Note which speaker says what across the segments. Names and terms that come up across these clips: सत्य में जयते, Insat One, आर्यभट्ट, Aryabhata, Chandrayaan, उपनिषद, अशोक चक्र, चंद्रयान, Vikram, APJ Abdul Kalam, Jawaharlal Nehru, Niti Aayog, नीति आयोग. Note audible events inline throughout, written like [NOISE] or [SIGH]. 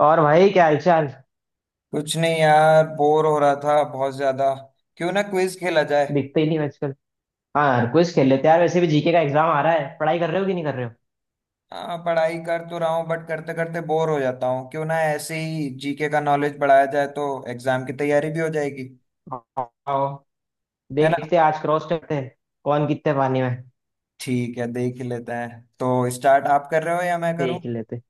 Speaker 1: और भाई, क्या हालचाल।
Speaker 2: कुछ नहीं यार, बोर हो रहा था बहुत ज्यादा। क्यों ना क्विज खेला जाए।
Speaker 1: दिखते ही नहीं हो आजकल। हाँ, क्विज खेल लेते हैं यार, वैसे भी जीके का एग्जाम आ रहा है। पढ़ाई कर रहे हो कि नहीं कर रहे
Speaker 2: हाँ, पढ़ाई कर तो रहा हूँ, बट करते करते बोर हो जाता हूँ। क्यों ना ऐसे ही जीके का नॉलेज बढ़ाया जाए, तो एग्जाम की तैयारी भी हो जाएगी।
Speaker 1: हो। आओ,
Speaker 2: है ना?
Speaker 1: देखते हैं आज क्रॉस करते हैं कौन कितने पानी में।
Speaker 2: ठीक है, देख ही लेते हैं। तो स्टार्ट आप कर रहे हो या मैं करूँ?
Speaker 1: देख ही लेते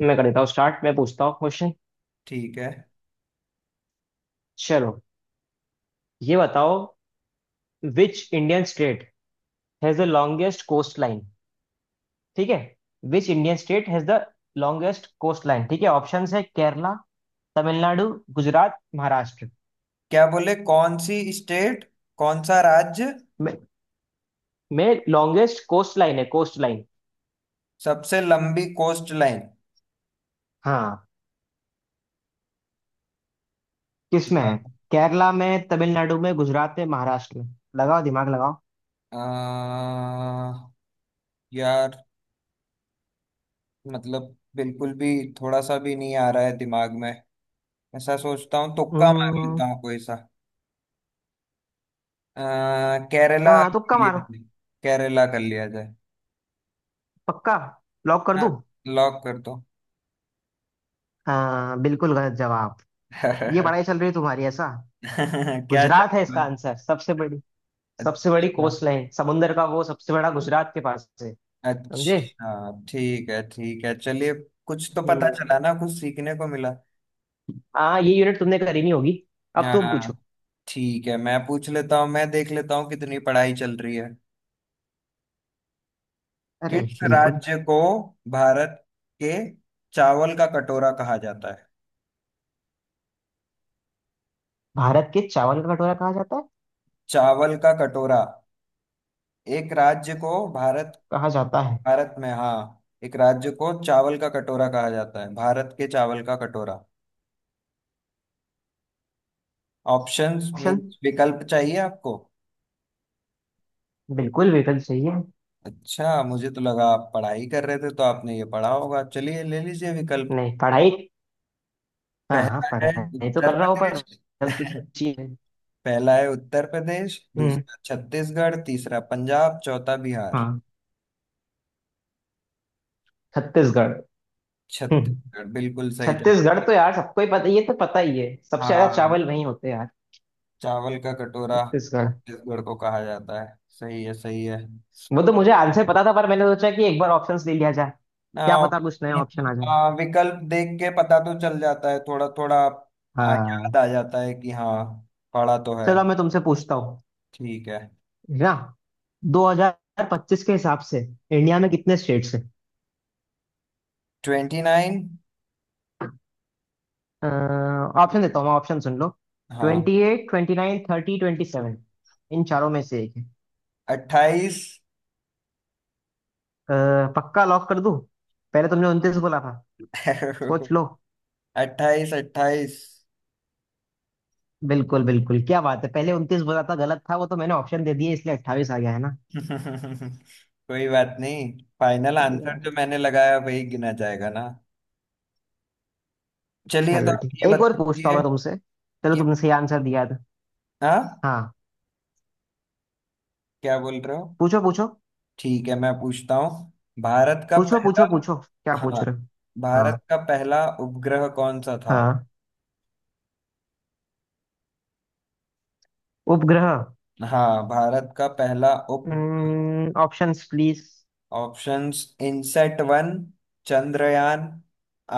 Speaker 1: हैं। मैं कर देता हूँ स्टार्ट। मैं पूछता हूँ क्वेश्चन।
Speaker 2: ठीक है।
Speaker 1: चलो, ये बताओ, which Indian state has the longest coast line. ठीक है। Which Indian state has the longest coast line. ठीक है, ऑप्शंस है केरला, तमिलनाडु, गुजरात, महाराष्ट्र।
Speaker 2: क्या बोले? कौन सी स्टेट? कौन सा राज्य?
Speaker 1: में लॉन्गेस्ट कोस्ट लाइन है, कोस्ट लाइन।
Speaker 2: सबसे लंबी कोस्ट लाइन?
Speaker 1: हाँ, किस में है? केरला में, तमिलनाडु में, गुजरात में, महाराष्ट्र में। लगाओ दिमाग लगाओ।
Speaker 2: आ, यार, मतलब बिल्कुल भी, थोड़ा सा भी नहीं आ रहा है दिमाग में। ऐसा सोचता हूँ तुक्का मार
Speaker 1: हम्म।
Speaker 2: लेता हूँ कोई सा। केरला कर
Speaker 1: हाँ, तुक्का
Speaker 2: लिया
Speaker 1: मारो।
Speaker 2: जाए। केरला कर लिया जाए।
Speaker 1: पक्का? लॉक कर
Speaker 2: हाँ,
Speaker 1: दूं?
Speaker 2: लॉक कर दो।
Speaker 1: हाँ बिल्कुल, गलत जवाब।
Speaker 2: [LAUGHS]
Speaker 1: ये पढ़ाई चल रही है तुम्हारी, ऐसा?
Speaker 2: क्या
Speaker 1: गुजरात है
Speaker 2: जवाब
Speaker 1: इसका
Speaker 2: है?
Speaker 1: आंसर, सबसे बड़ी। सबसे बड़ी
Speaker 2: अच्छा।
Speaker 1: कोस्ट लाइन, समुंदर का वो सबसे बड़ा गुजरात के पास है। समझे?
Speaker 2: अच्छा, ठीक है। ठीक है, चलिए। कुछ तो पता
Speaker 1: हम्म।
Speaker 2: चला ना, कुछ सीखने को मिला।
Speaker 1: हाँ, ये यूनिट तुमने करी नहीं होगी। अब तुम पूछो।
Speaker 2: हाँ। ठीक है, मैं पूछ लेता हूँ। मैं देख लेता हूँ कितनी पढ़ाई चल रही है।
Speaker 1: अरे,
Speaker 2: किस
Speaker 1: बिल्कुल।
Speaker 2: राज्य को भारत के चावल का कटोरा कहा जाता है?
Speaker 1: भारत के चावल का कटोरा कहा जाता है।
Speaker 2: चावल का कटोरा, एक राज्य को भारत,
Speaker 1: कहा जाता है।
Speaker 2: भारत में, हाँ। एक राज्य को चावल का कटोरा कहा जाता है, भारत के चावल का कटोरा। Options
Speaker 1: option?
Speaker 2: मीन्स विकल्प चाहिए आपको?
Speaker 1: बिल्कुल बिल्कुल सही है।
Speaker 2: अच्छा, मुझे तो लगा आप पढ़ाई कर रहे थे तो आपने ये पढ़ा होगा। चलिए, ले लीजिए विकल्प।
Speaker 1: नहीं पढ़ाई। हाँ हाँ,
Speaker 2: पहला है
Speaker 1: पढ़ाई तो कर
Speaker 2: उत्तर
Speaker 1: रहा हूँ पर
Speaker 2: प्रदेश।
Speaker 1: हेल्प तो
Speaker 2: [LAUGHS]
Speaker 1: चाहिए।
Speaker 2: पहला है उत्तर प्रदेश,
Speaker 1: हम्म।
Speaker 2: दूसरा छत्तीसगढ़, तीसरा पंजाब, चौथा बिहार।
Speaker 1: हाँ, छत्तीसगढ़। हम्म।
Speaker 2: छत्तीसगढ़, बिल्कुल सही
Speaker 1: छत्तीसगढ़
Speaker 2: जवाब।
Speaker 1: तो यार सबको ही पता, ये तो पता ही है, सबसे ज्यादा
Speaker 2: हाँ,
Speaker 1: चावल वहीं होते हैं यार।
Speaker 2: चावल का कटोरा
Speaker 1: छत्तीसगढ़।
Speaker 2: छत्तीसगढ़ को कहा जाता है। सही है, सही है।
Speaker 1: वो तो मुझे आंसर पता था, पर मैंने सोचा कि एक बार ऑप्शंस ले लिया जाए, क्या
Speaker 2: आ,
Speaker 1: पता कुछ नया ऑप्शन आ जाए।
Speaker 2: विकल्प देख के पता तो चल जाता है थोड़ा थोड़ा।
Speaker 1: हाँ,
Speaker 2: याद आ जाता है कि हाँ, पढ़ा तो है।
Speaker 1: चलो मैं तुमसे पूछता हूँ।
Speaker 2: ठीक है।
Speaker 1: है ना? 2025 के हिसाब से इंडिया में कितने स्टेट्स हैं?
Speaker 2: 29।
Speaker 1: ऑप्शन देता हूँ मैं, ऑप्शन सुन लो।
Speaker 2: हाँ,
Speaker 1: twenty eight, twenty nine, thirty, twenty seven. इन चारों में से एक है।
Speaker 2: 28।
Speaker 1: अ, पक्का? लॉक कर दूं? पहले तुमने उनतीस बोला था। सोच
Speaker 2: [LAUGHS]
Speaker 1: लो।
Speaker 2: 28 28
Speaker 1: बिल्कुल बिल्कुल, क्या बात है। पहले उनतीस बोला था, गलत था वो, तो मैंने ऑप्शन दे दिए इसलिए 28 आ गया, है ना?
Speaker 2: [LAUGHS] कोई बात नहीं। फाइनल
Speaker 1: बढ़िया
Speaker 2: आंसर
Speaker 1: बढ़िया।
Speaker 2: जो मैंने लगाया वही गिना जाएगा ना। चलिए, तो
Speaker 1: चलो
Speaker 2: आप
Speaker 1: ठीक,
Speaker 2: ये
Speaker 1: एक और
Speaker 2: बता
Speaker 1: पूछता हूँ
Speaker 2: दीजिए
Speaker 1: मैं तुमसे। चलो
Speaker 2: कि।
Speaker 1: तुमने सही आंसर दिया था।
Speaker 2: हाँ,
Speaker 1: हाँ,
Speaker 2: क्या बोल रहे हो?
Speaker 1: पूछो पूछो
Speaker 2: ठीक है, मैं पूछता हूँ। भारत का
Speaker 1: पूछो
Speaker 2: पहला।
Speaker 1: पूछो पूछो, क्या पूछ
Speaker 2: हाँ,
Speaker 1: रहे हो। हाँ
Speaker 2: भारत का पहला उपग्रह कौन सा था?
Speaker 1: हाँ, उपग्रह।
Speaker 2: हाँ, भारत का पहला उप।
Speaker 1: Options please.
Speaker 2: Options: INSAT one, चंद्रयान,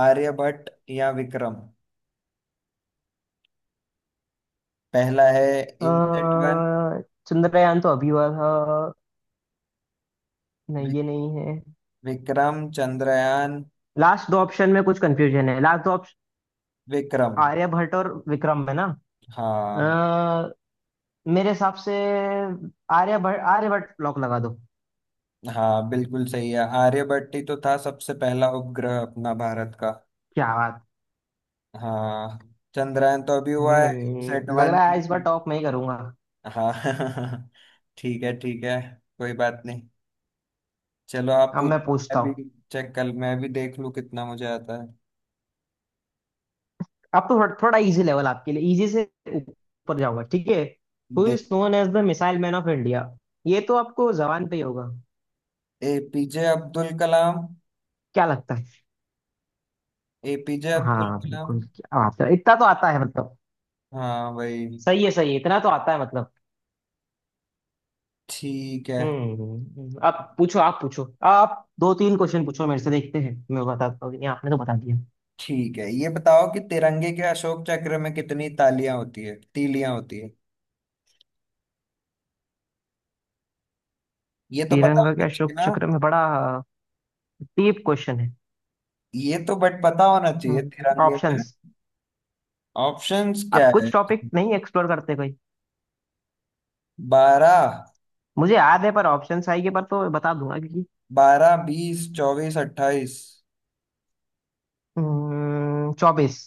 Speaker 2: आर्यभट्ट या विक्रम। पहला है इनसेट वन।
Speaker 1: चंद्रयान तो अभी हुआ था, नहीं
Speaker 2: वि,
Speaker 1: ये नहीं है।
Speaker 2: विक्रम, चंद्रयान,
Speaker 1: लास्ट दो ऑप्शन में कुछ कंफ्यूजन है, लास्ट दो ऑप्शन
Speaker 2: विक्रम।
Speaker 1: आर्यभट्ट और विक्रम, है ना?
Speaker 2: हाँ,
Speaker 1: अ, मेरे हिसाब से आर्यभट्ट। आर्यभट्ट लॉक लगा दो।
Speaker 2: हाँ बिल्कुल सही है, आर्यभट्ट ही तो था सबसे पहला उपग्रह अपना भारत का।
Speaker 1: क्या बात।
Speaker 2: हाँ, चंद्रयान तो अभी हुआ है, इनसेट
Speaker 1: लग
Speaker 2: वन।
Speaker 1: रहा है इस बार टॉप मैं ही करूंगा।
Speaker 2: हाँ। [LAUGHS] ठीक है, ठीक है, कोई बात नहीं। चलो आप
Speaker 1: अब
Speaker 2: पूछ।
Speaker 1: मैं पूछता
Speaker 2: मैं भी
Speaker 1: हूँ।
Speaker 2: चेक, कल मैं भी देख लूं कितना मुझे आता है।
Speaker 1: अब तो थोड़ा थोड़ा इजी लेवल आपके लिए, इजी से ऊपर जाऊंगा, ठीक है। हु
Speaker 2: देख।
Speaker 1: Is known as the missile man of India. ये तो आपको जबान पे ही होगा,
Speaker 2: एपीजे अब्दुल कलाम।
Speaker 1: क्या लगता है।
Speaker 2: एपीजे अब्दुल
Speaker 1: हाँ
Speaker 2: कलाम।
Speaker 1: बिल्कुल, क्या बात है, इतना तो आता है मतलब।
Speaker 2: हाँ भाई।
Speaker 1: सही है सही है, इतना तो आता है मतलब।
Speaker 2: ठीक है।
Speaker 1: अब पूछो, आप पूछो। आप दो तीन क्वेश्चन पूछो मेरे से, देखते हैं मैं बताता हूँ कि नहीं, आपने तो बता दिया।
Speaker 2: ठीक है, ये बताओ कि तिरंगे के अशोक चक्र में कितनी तालियां होती है, तीलियां होती है? ये तो पता
Speaker 1: श्रीलंका के
Speaker 2: होना चाहिए
Speaker 1: अशोक
Speaker 2: ना।
Speaker 1: चक्र में बड़ा डीप क्वेश्चन है।
Speaker 2: ये तो बट पता होना चाहिए, तिरंगे में।
Speaker 1: ऑप्शंस।
Speaker 2: ऑप्शंस क्या
Speaker 1: आप
Speaker 2: है?
Speaker 1: कुछ टॉपिक नहीं एक्सप्लोर करते कोई।
Speaker 2: 12,
Speaker 1: मुझे याद है, पर ऑप्शंस आएंगे पर तो बता दूंगा क्योंकि
Speaker 2: 12 20 24 28
Speaker 1: चौबीस।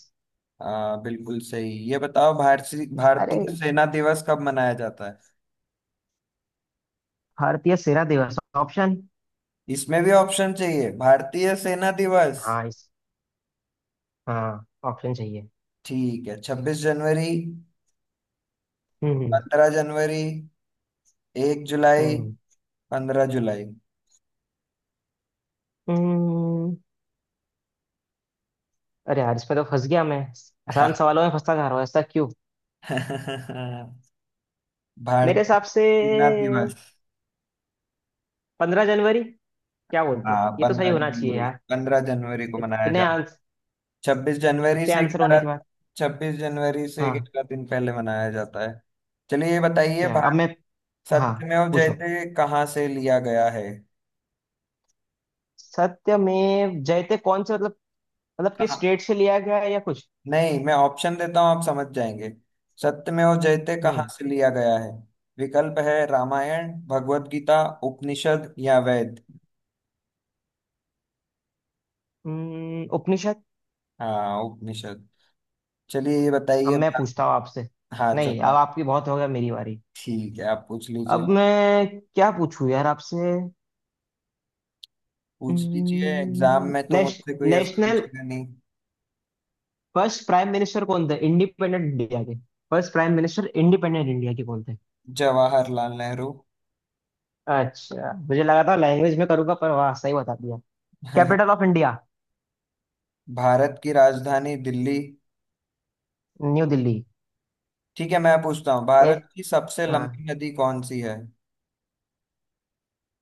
Speaker 2: हाँ बिल्कुल सही। ये बताओ, भारतीय
Speaker 1: अरे,
Speaker 2: भारतीय सेना दिवस कब मनाया जाता है?
Speaker 1: भारतीय सेना दिवस ऑप्शन।
Speaker 2: इसमें भी ऑप्शन चाहिए? भारतीय सेना दिवस,
Speaker 1: हाँ इस, हाँ ऑप्शन चाहिए।
Speaker 2: ठीक है। 26 जनवरी,
Speaker 1: हम्म। हम्म।
Speaker 2: 15 जनवरी, 1 जुलाई,
Speaker 1: हम्म।
Speaker 2: 15 जुलाई।
Speaker 1: हम्म। अरे यार, इसमें तो फंस गया मैं। आसान सवालों
Speaker 2: [LAUGHS]
Speaker 1: में फंसता जा रहा हूँ, ऐसा क्यों। मेरे हिसाब
Speaker 2: भारतीय
Speaker 1: से
Speaker 2: सेना दिवस।
Speaker 1: पंद्रह जनवरी। क्या बोलते हो,
Speaker 2: हाँ,
Speaker 1: ये तो सही
Speaker 2: पंद्रह
Speaker 1: होना चाहिए
Speaker 2: जनवरी
Speaker 1: यार।
Speaker 2: 15 जनवरी को मनाया
Speaker 1: इतने
Speaker 2: जाता।
Speaker 1: आंस,
Speaker 2: छब्बीस जनवरी
Speaker 1: इतने
Speaker 2: से
Speaker 1: आंसर होने
Speaker 2: ग्यारह
Speaker 1: के बाद।
Speaker 2: छब्बीस जनवरी से
Speaker 1: हाँ।
Speaker 2: ग्यारह दिन पहले मनाया जाता है। चलिए ये बताइए,
Speaker 1: अच्छा, अब
Speaker 2: भारत।
Speaker 1: मैं। हाँ,
Speaker 2: सत्यमेव
Speaker 1: पूछो।
Speaker 2: जयते कहाँ से लिया गया है?
Speaker 1: सत्य में जयते कौन से मतलब, मतलब किस
Speaker 2: कहा?
Speaker 1: स्टेट से लिया गया है या कुछ।
Speaker 2: नहीं, मैं ऑप्शन देता हूँ, आप समझ जाएंगे। सत्यमेव जयते कहाँ
Speaker 1: हम्म।
Speaker 2: से लिया गया है? विकल्प है: रामायण, भगवत गीता, उपनिषद या वेद।
Speaker 1: उपनिषद।
Speaker 2: हाँ, उपनिषद। चलिए ये
Speaker 1: अब
Speaker 2: बताइए।
Speaker 1: मैं पूछता हूँ आपसे।
Speaker 2: हाँ
Speaker 1: नहीं
Speaker 2: चलो।
Speaker 1: अब आपकी बहुत हो गया, मेरी बारी।
Speaker 2: ठीक है, आप पूछ
Speaker 1: अब
Speaker 2: लीजिए।
Speaker 1: मैं क्या पूछूं यार आपसे।
Speaker 2: पूछ लीजिए, एग्जाम
Speaker 1: हम्म,
Speaker 2: में तो
Speaker 1: नेश,
Speaker 2: मुझसे कोई ऐसा
Speaker 1: नेशनल
Speaker 2: पूछेगा नहीं।
Speaker 1: फर्स्ट प्राइम मिनिस्टर कौन थे इंडिपेंडेंट इंडिया के। First prime minister independent India के कौन थे।
Speaker 2: जवाहरलाल नेहरू।
Speaker 1: अच्छा मुझे लगा था लैंग्वेज में करूंगा, पर वाह सही बता दिया। Capital of
Speaker 2: [LAUGHS]
Speaker 1: India.
Speaker 2: भारत की राजधानी दिल्ली।
Speaker 1: न्यू दिल्ली।
Speaker 2: ठीक है, मैं पूछता हूँ,
Speaker 1: ए,
Speaker 2: भारत की सबसे
Speaker 1: हाँ,
Speaker 2: लंबी नदी कौन सी है?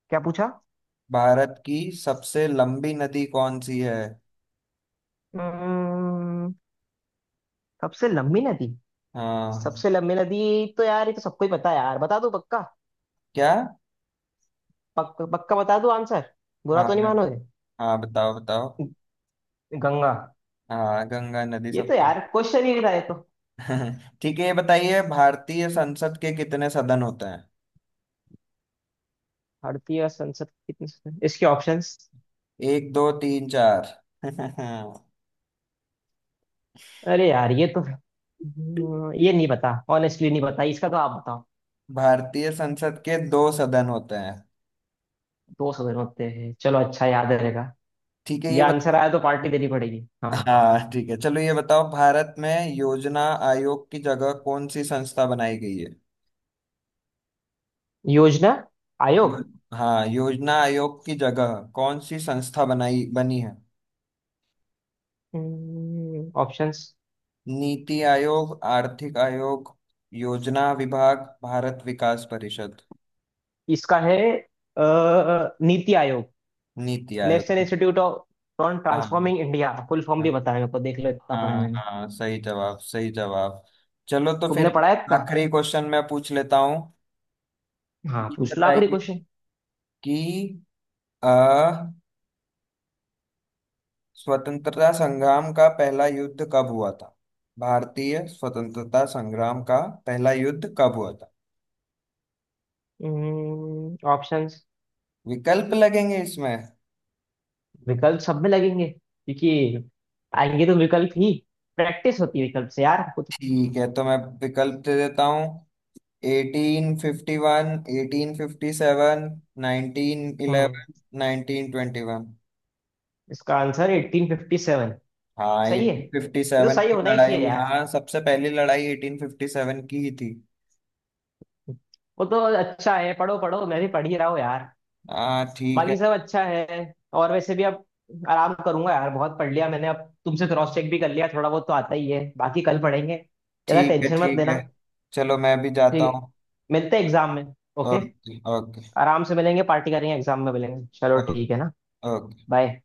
Speaker 1: क्या पूछा।
Speaker 2: भारत की सबसे लंबी नदी कौन सी है?
Speaker 1: हम्म, सबसे लंबी नदी।
Speaker 2: हाँ,
Speaker 1: सबसे लंबी नदी तो यार ये तो सबको ही पता है यार, बता दो पक्का।
Speaker 2: क्या?
Speaker 1: पक्का बता दो आंसर, बुरा
Speaker 2: हाँ,
Speaker 1: तो नहीं मानोगे।
Speaker 2: हाँ, बताओ, बताओ।
Speaker 1: ग- गंगा।
Speaker 2: हाँ, गंगा नदी
Speaker 1: ये तो
Speaker 2: सप्तम।
Speaker 1: यार क्वेश्चन ही नहीं था ये तो।
Speaker 2: [LAUGHS] ठीक है, ये बताइए, भारतीय संसद के कितने सदन होते हैं?
Speaker 1: भारतीय संसद कितने, इसके ऑप्शंस।
Speaker 2: एक, दो, तीन, चार। [LAUGHS]
Speaker 1: अरे यार ये तो ये नहीं पता, ऑनेस्टली नहीं पता इसका, तो आप बताओ।
Speaker 2: भारतीय संसद के 2 सदन होते हैं।
Speaker 1: दो सौ दिन होते हैं, चलो अच्छा याद रहेगा।
Speaker 2: ठीक है,
Speaker 1: ये
Speaker 2: ये
Speaker 1: आंसर
Speaker 2: बताओ।
Speaker 1: आया तो पार्टी देनी पड़ेगी। हाँ हाँ,
Speaker 2: हाँ ठीक है, चलो, ये बताओ, भारत में योजना आयोग की जगह कौन सी संस्था बनाई गई है?
Speaker 1: योजना आयोग
Speaker 2: यो- हाँ, योजना आयोग की जगह कौन सी संस्था बनाई, बनी है?
Speaker 1: ऑप्शंस।
Speaker 2: नीति आयोग, आर्थिक आयोग, योजना विभाग, भारत विकास परिषद।
Speaker 1: इसका है नीति आयोग।
Speaker 2: नीति आयोग।
Speaker 1: National institute of on
Speaker 2: हाँ,
Speaker 1: ट्रांसफॉर्मिंग इंडिया, फुल फॉर्म भी बताया मेरे को, देख लो इतना पढ़ा है
Speaker 2: हाँ,
Speaker 1: मैंने।
Speaker 2: हाँ, सही जवाब, सही जवाब। चलो, तो
Speaker 1: तुमने
Speaker 2: फिर
Speaker 1: पढ़ा है इतना।
Speaker 2: आखिरी क्वेश्चन मैं पूछ लेता हूँ।
Speaker 1: हाँ,
Speaker 2: ये
Speaker 1: पूछ लो आखिरी
Speaker 2: बताइए
Speaker 1: क्वेश्चन।
Speaker 2: कि अ, स्वतंत्रता संग्राम का पहला युद्ध कब हुआ था? भारतीय स्वतंत्रता संग्राम का पहला युद्ध कब हुआ था?
Speaker 1: ऑप्शंस।
Speaker 2: विकल्प लगेंगे इसमें?
Speaker 1: विकल्प सब में लगेंगे क्योंकि आएंगे तो विकल्प ही। प्रैक्टिस होती है विकल्प से यार कुछ।
Speaker 2: ठीक है, तो मैं विकल्प दे देता हूँ। 1851, 1857, नाइनटीन
Speaker 1: हम्म।
Speaker 2: इलेवन 1921।
Speaker 1: इसका आंसर 1857।
Speaker 2: हाँ,
Speaker 1: सही है,
Speaker 2: एटीन फिफ्टी
Speaker 1: ये तो
Speaker 2: सेवन
Speaker 1: सही
Speaker 2: की
Speaker 1: होना ही चाहिए
Speaker 2: लड़ाई।
Speaker 1: यार।
Speaker 2: हाँ, सबसे पहली लड़ाई 1857 की ही थी।
Speaker 1: वो तो अच्छा है, पढ़ो पढ़ो, मैं भी पढ़ ही रहा हूँ यार।
Speaker 2: हाँ, ठीक
Speaker 1: बाकी
Speaker 2: है,
Speaker 1: सब अच्छा है। और वैसे भी अब आराम करूंगा यार, बहुत पढ़ लिया मैंने अब। तुमसे क्रॉस चेक भी कर लिया, थोड़ा बहुत तो आता ही है, बाकी कल पढ़ेंगे, ज्यादा
Speaker 2: ठीक है,
Speaker 1: टेंशन मत
Speaker 2: ठीक
Speaker 1: लेना।
Speaker 2: है। चलो, मैं भी जाता
Speaker 1: ठीक है,
Speaker 2: हूँ।
Speaker 1: मिलते हैं एग्जाम में। ओके।
Speaker 2: ओके, ओके,
Speaker 1: आराम से मिलेंगे, पार्टी करेंगे, एग्जाम में मिलेंगे, चलो
Speaker 2: ओके,
Speaker 1: ठीक है ना।
Speaker 2: ओके।
Speaker 1: बाय।